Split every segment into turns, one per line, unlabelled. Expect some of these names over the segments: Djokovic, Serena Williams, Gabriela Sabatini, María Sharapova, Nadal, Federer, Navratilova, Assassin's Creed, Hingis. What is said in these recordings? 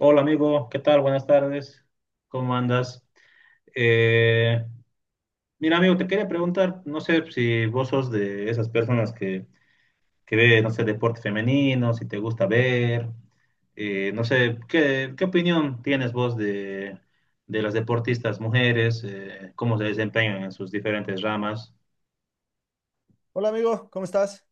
Hola amigo, ¿qué tal? Buenas tardes, ¿cómo andas? Eh, mira amigo, te quería preguntar, no sé si vos sos de esas personas que ve, no sé, deporte femenino, si te gusta ver, no sé, ¿qué, qué opinión tienes vos de las deportistas mujeres, cómo se desempeñan en sus diferentes ramas?
Hola amigo, ¿cómo estás?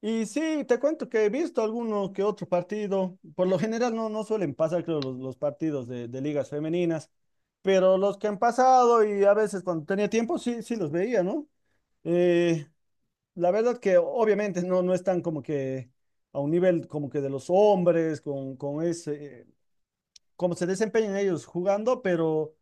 Y sí, te cuento que he visto alguno que otro partido. Por lo general no suelen pasar, creo, los partidos de ligas femeninas, pero los que han pasado y a veces cuando tenía tiempo sí los veía, ¿no? Eh, la verdad que obviamente no están como que a un nivel como que de los hombres, con ese, cómo se desempeñan ellos jugando, pero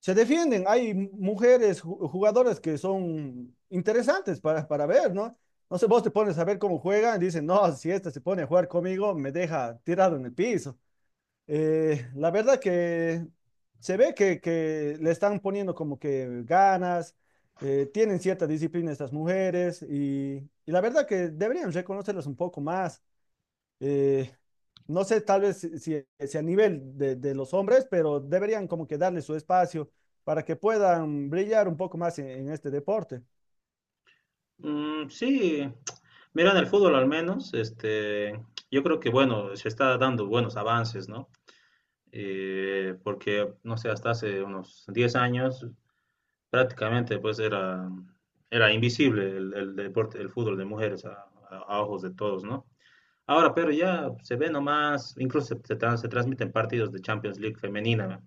se defienden. Hay mujeres, jugadoras que son interesantes para ver, ¿no? No sé, vos te pones a ver cómo juegan y dicen, no, si esta se pone a jugar conmigo, me deja tirado en el piso. La verdad que se ve que le están poniendo como que ganas, tienen cierta disciplina estas mujeres y la verdad que deberían reconocerlas un poco más. eh, no sé, tal vez si, si a nivel de los hombres, pero deberían como que darle su espacio para que puedan brillar un poco más en este deporte.
Mm, sí, mira, en el fútbol al menos, este, yo creo que bueno, se está dando buenos avances, ¿no? Porque, no sé, hasta hace unos 10 años prácticamente era invisible el deporte, el fútbol de mujeres a ojos de todos, ¿no? Ahora, pero ya se ve nomás, incluso se transmiten partidos de Champions League femenina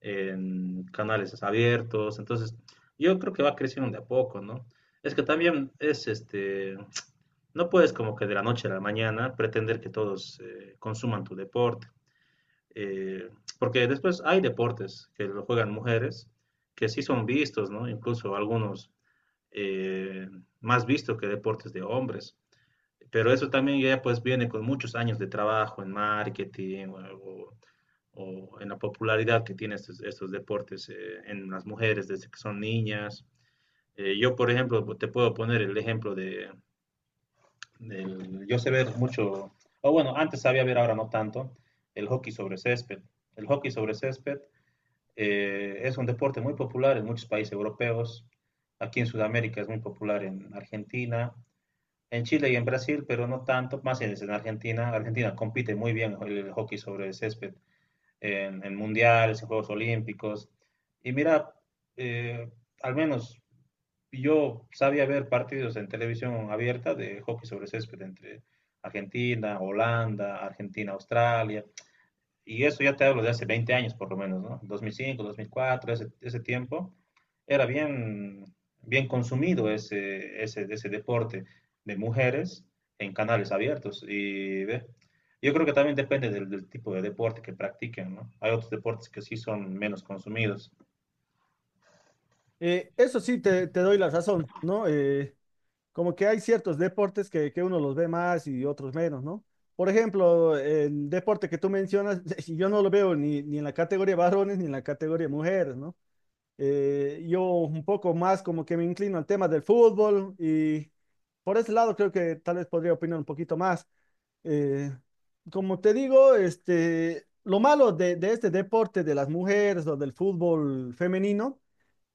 en canales abiertos, entonces yo creo que va creciendo de a poco, ¿no? Es que también es este, no puedes como que de la noche a la mañana pretender que todos consuman tu deporte, eh, porque después hay deportes que lo juegan mujeres que sí son vistos, ¿no? Incluso algunos, eh, más vistos que deportes de hombres. Pero eso también ya pues viene con muchos años de trabajo en marketing, o en la popularidad que tienen estos deportes, en las mujeres desde que son niñas. Yo, por ejemplo, te puedo poner el ejemplo yo sé ver mucho, o bueno, antes sabía ver, ahora no tanto, el hockey sobre césped. El hockey sobre césped, es un deporte muy popular en muchos países europeos. Aquí en Sudamérica es muy popular en Argentina, en Chile y en Brasil, pero no tanto, más en Argentina. Argentina compite muy bien el hockey sobre el césped en mundiales, en Juegos Olímpicos. Y mira, eh, al menos yo sabía ver partidos en televisión abierta de hockey sobre césped entre Argentina, Holanda, Argentina, Australia, y eso ya te hablo de hace 20 años por lo menos, ¿no? 2005, 2004, ese, ese tiempo, era bien, bien consumido ese deporte de mujeres en canales abiertos. Y ¿ve? Yo creo que también depende del tipo de deporte que practiquen, ¿no? Hay otros deportes que sí son menos consumidos.
Eso sí, te doy la razón, ¿no? Como que hay ciertos deportes que uno los ve más y otros menos, ¿no? Por ejemplo, el deporte que tú mencionas, yo no lo veo ni, ni en la categoría varones ni en la categoría mujeres, ¿no? Yo un poco más como que me inclino al tema del fútbol y por ese lado creo que tal vez podría opinar un poquito más. Eh, como te digo, este, lo malo de este deporte de las mujeres o del fútbol femenino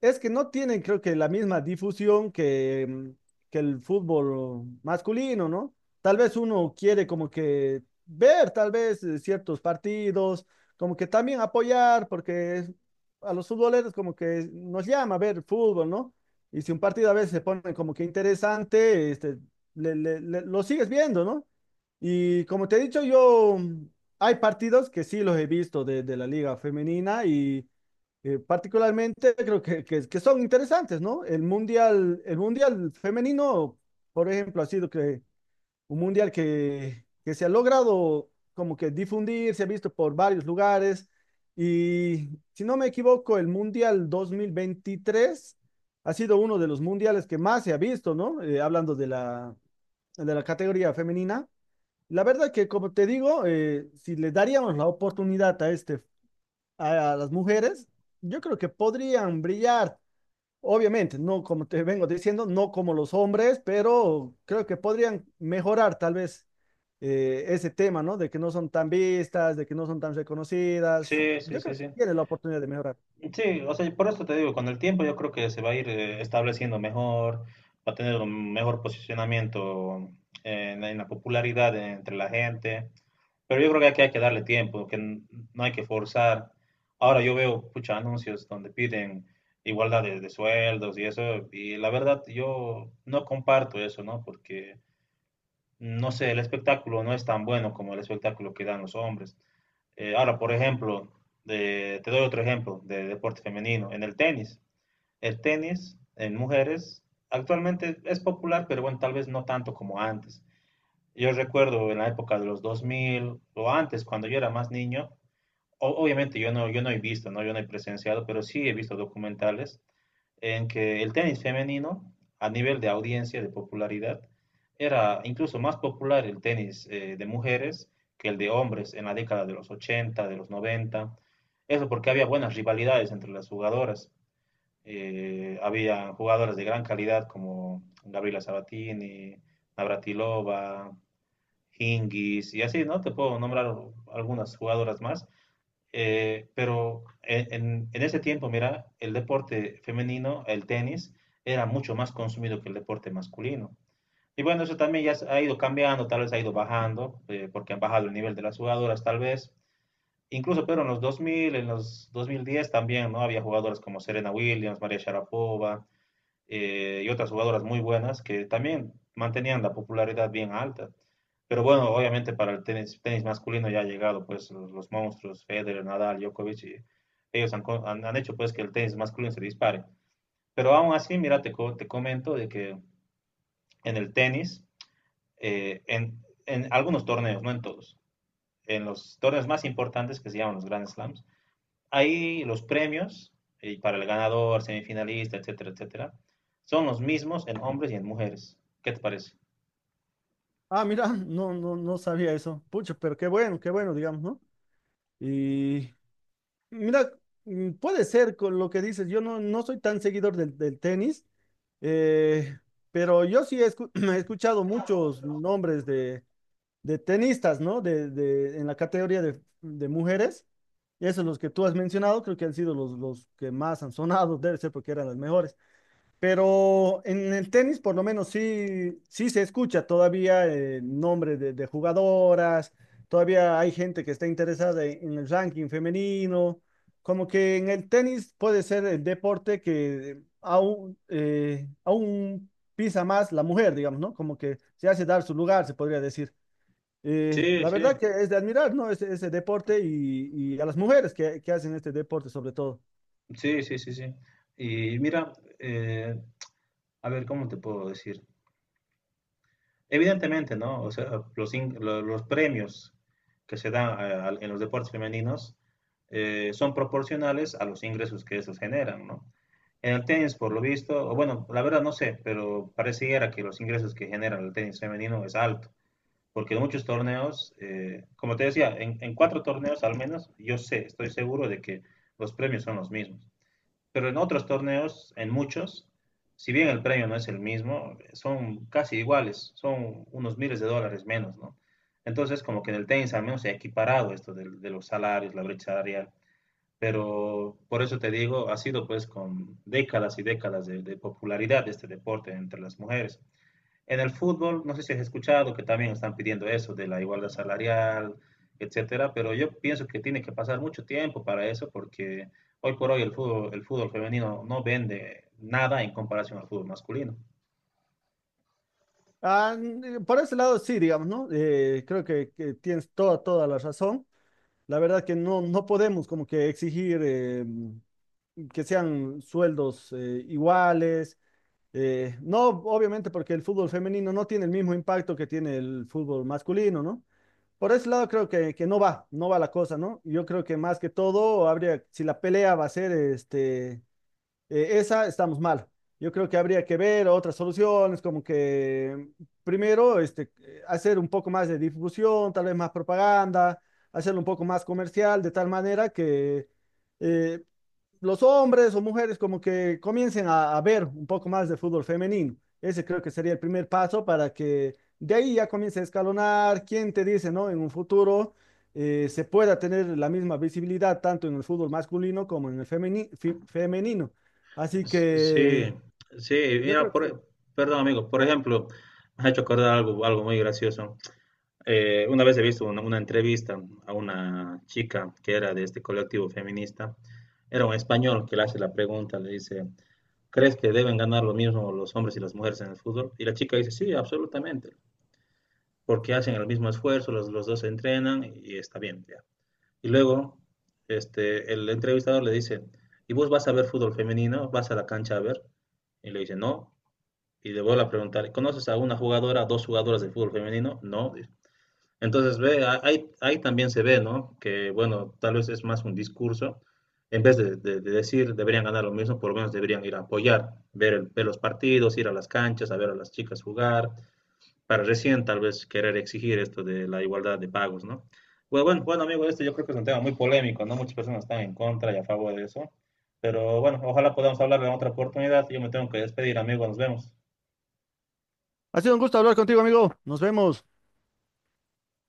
es que no tienen, creo que, la misma difusión que, que el fútbol masculino, ¿no? Tal vez uno quiere como que ver, tal vez, ciertos partidos, como que también apoyar, porque a los futboleros como que nos llama a ver fútbol, ¿no? Y si un partido a veces se pone como que interesante, este, lo sigues viendo, ¿no? Y como te he dicho, yo, hay partidos que sí los he visto de la liga femenina y particularmente creo que, que son interesantes, ¿no? El mundial femenino, por ejemplo, ha sido que un mundial que se ha logrado como que difundir, se ha visto por varios lugares y si no me equivoco, el mundial 2023 ha sido uno de los mundiales que más se ha visto, ¿no? Hablando de la categoría femenina. La verdad que, como te digo, si le daríamos la oportunidad a este a las mujeres, yo creo que podrían brillar. Obviamente, no como te vengo diciendo, no como los hombres, pero creo que podrían mejorar tal vez ese tema, ¿no? De que no son tan vistas, de que no son tan reconocidas.
Sí, sí,
Yo
sí,
creo que
sí.
tienen la oportunidad de mejorar.
Sí, o sea, por esto te digo, con el tiempo yo creo que se va a ir, estableciendo mejor, va a tener un mejor posicionamiento en la popularidad entre la gente. Pero yo creo que aquí hay que darle tiempo, no hay que forzar. Ahora yo veo muchos anuncios donde piden igualdad de sueldos y eso, y la verdad yo no comparto eso, ¿no? Porque, no sé, el espectáculo no es tan bueno como el espectáculo que dan los hombres. Ahora, por ejemplo, te doy otro ejemplo de deporte femenino, en el tenis. El tenis en mujeres actualmente es popular, pero bueno, tal vez no tanto como antes. Yo recuerdo en la época de los 2000 o antes, cuando yo era más niño, obviamente yo no he visto, ¿no? Yo no he presenciado, pero sí he visto documentales en que el tenis femenino, a nivel de audiencia, de popularidad, era incluso más popular el tenis, de mujeres que el de hombres en la década de los 80, de los 90. Eso porque había buenas rivalidades entre las jugadoras. Había jugadoras de gran calidad como Gabriela Sabatini, Navratilova, Hingis y así, ¿no? Te puedo nombrar algunas jugadoras más, pero en ese tiempo, mira, el deporte femenino, el tenis, era mucho más consumido que el deporte masculino. Y bueno, eso también ya se ha ido cambiando, tal vez ha ido bajando, porque han bajado el nivel de las jugadoras, tal vez. Incluso, pero en los 2000, en los 2010 también, ¿no? Había jugadoras como Serena Williams, María Sharapova, y otras jugadoras muy buenas que también mantenían la popularidad bien alta. Pero bueno, obviamente para el tenis, tenis masculino ya ha llegado pues los monstruos, Federer, Nadal, Djokovic, y ellos han, han hecho pues que el tenis masculino se dispare. Pero aún así, mira, te comento de que en el tenis, en algunos torneos, no en todos, en los torneos más importantes que se llaman los Grand Slams, ahí los premios, para el ganador, semifinalista, etcétera, etcétera, son los mismos en hombres y en mujeres. ¿Qué te parece?
Ah, mira, no sabía eso. Pucho, pero qué bueno, digamos, ¿no? Y mira, puede ser con lo que dices. Yo no soy tan seguidor del, del tenis, eh, pero yo sí he, he escuchado muchos nombres de tenistas, ¿no? De, en la categoría de mujeres. Y esos los que tú has mencionado, creo que han sido los que más han sonado, debe ser porque eran las mejores. Pero en el tenis, por lo menos, sí se escucha todavía el nombre de jugadoras, todavía hay gente que está interesada en el ranking femenino. Como que en el tenis puede ser el deporte que aún, aún pisa más la mujer, digamos, ¿no? Como que se hace dar su lugar, se podría decir. Eh,
Sí,
la
sí.
verdad que es de admirar, ¿no? Ese deporte y a las mujeres que hacen este deporte sobre todo.
Sí, sí, sí, sí. Y mira, eh, a ver, ¿cómo te puedo decir? Evidentemente, ¿no? O sea, los premios que se dan en los deportes femeninos, son proporcionales a los ingresos que estos generan, ¿no? En el tenis, por lo visto, o bueno, la verdad no sé, pero pareciera que los ingresos que genera el tenis femenino es alto. Porque en muchos torneos, como te decía, 4 torneos al menos, yo sé, estoy seguro de que los premios son los mismos. Pero en otros torneos, en muchos, si bien el premio no es el mismo, son casi iguales, son unos miles de dólares menos, ¿no? Entonces, como que en el tenis al menos se ha equiparado esto de los salarios, la brecha salarial. Pero por eso te digo, ha sido pues con décadas y décadas de popularidad de este deporte entre las mujeres. En el fútbol, no sé si has escuchado que también están pidiendo eso de la igualdad salarial, etcétera, pero yo pienso que tiene que pasar mucho tiempo para eso porque hoy por hoy el fútbol femenino no vende nada en comparación al fútbol masculino.
Ah, por ese lado sí, digamos, ¿no? Creo que tienes toda, toda la razón. La verdad que no podemos como que exigir que sean sueldos iguales. No, Obviamente porque el fútbol femenino no tiene el mismo impacto que tiene el fútbol masculino, ¿no? Por ese lado creo que no va la cosa, ¿no? Yo creo que más que todo habría, si la pelea va a ser este esa estamos mal. Yo creo que habría que ver otras soluciones, como que primero este, hacer un poco más de difusión, tal vez más propaganda, hacerlo un poco más comercial, de tal manera que eh, los hombres o mujeres como que comiencen a ver un poco más de fútbol femenino. Ese creo que sería el primer paso para que de ahí ya comience a escalonar. ¿Quién te dice, no? En un futuro se pueda tener la misma visibilidad tanto en el fútbol masculino como en el femenino. Así
Sí,
que
sí,
yo
mira,
creo que sí.
perdón amigo, por ejemplo, me ha hecho acordar algo, algo muy gracioso. Una vez he visto una entrevista a una chica que era de este colectivo feminista. Era un español que le hace la pregunta, le dice, ¿crees que deben ganar lo mismo los hombres y las mujeres en el fútbol? Y la chica dice, sí, absolutamente, porque hacen el mismo esfuerzo, los dos se entrenan y está bien. Ya. Y luego este, el entrevistador le dice, ¿y vos vas a ver fútbol femenino? ¿Vas a la cancha a ver? Y le dice, no. Y le vuelve a preguntar, ¿conoces a una jugadora, dos jugadoras de fútbol femenino? No. Entonces, ve, ahí, ahí también se ve, ¿no? Que, bueno, tal vez es más un discurso. En vez de decir deberían ganar lo mismo, por lo menos deberían ir a apoyar, ver, ver los partidos, ir a las canchas, a ver a las chicas jugar, para recién tal vez querer exigir esto de la igualdad de pagos, ¿no? Bueno, bueno, bueno, amigo, esto yo creo que es un tema muy polémico, ¿no? Muchas personas están en contra y a favor de eso. Pero bueno, ojalá podamos hablar en otra oportunidad. Yo me tengo que despedir, amigo, nos vemos.
Ha sido un gusto hablar contigo, amigo. Nos vemos.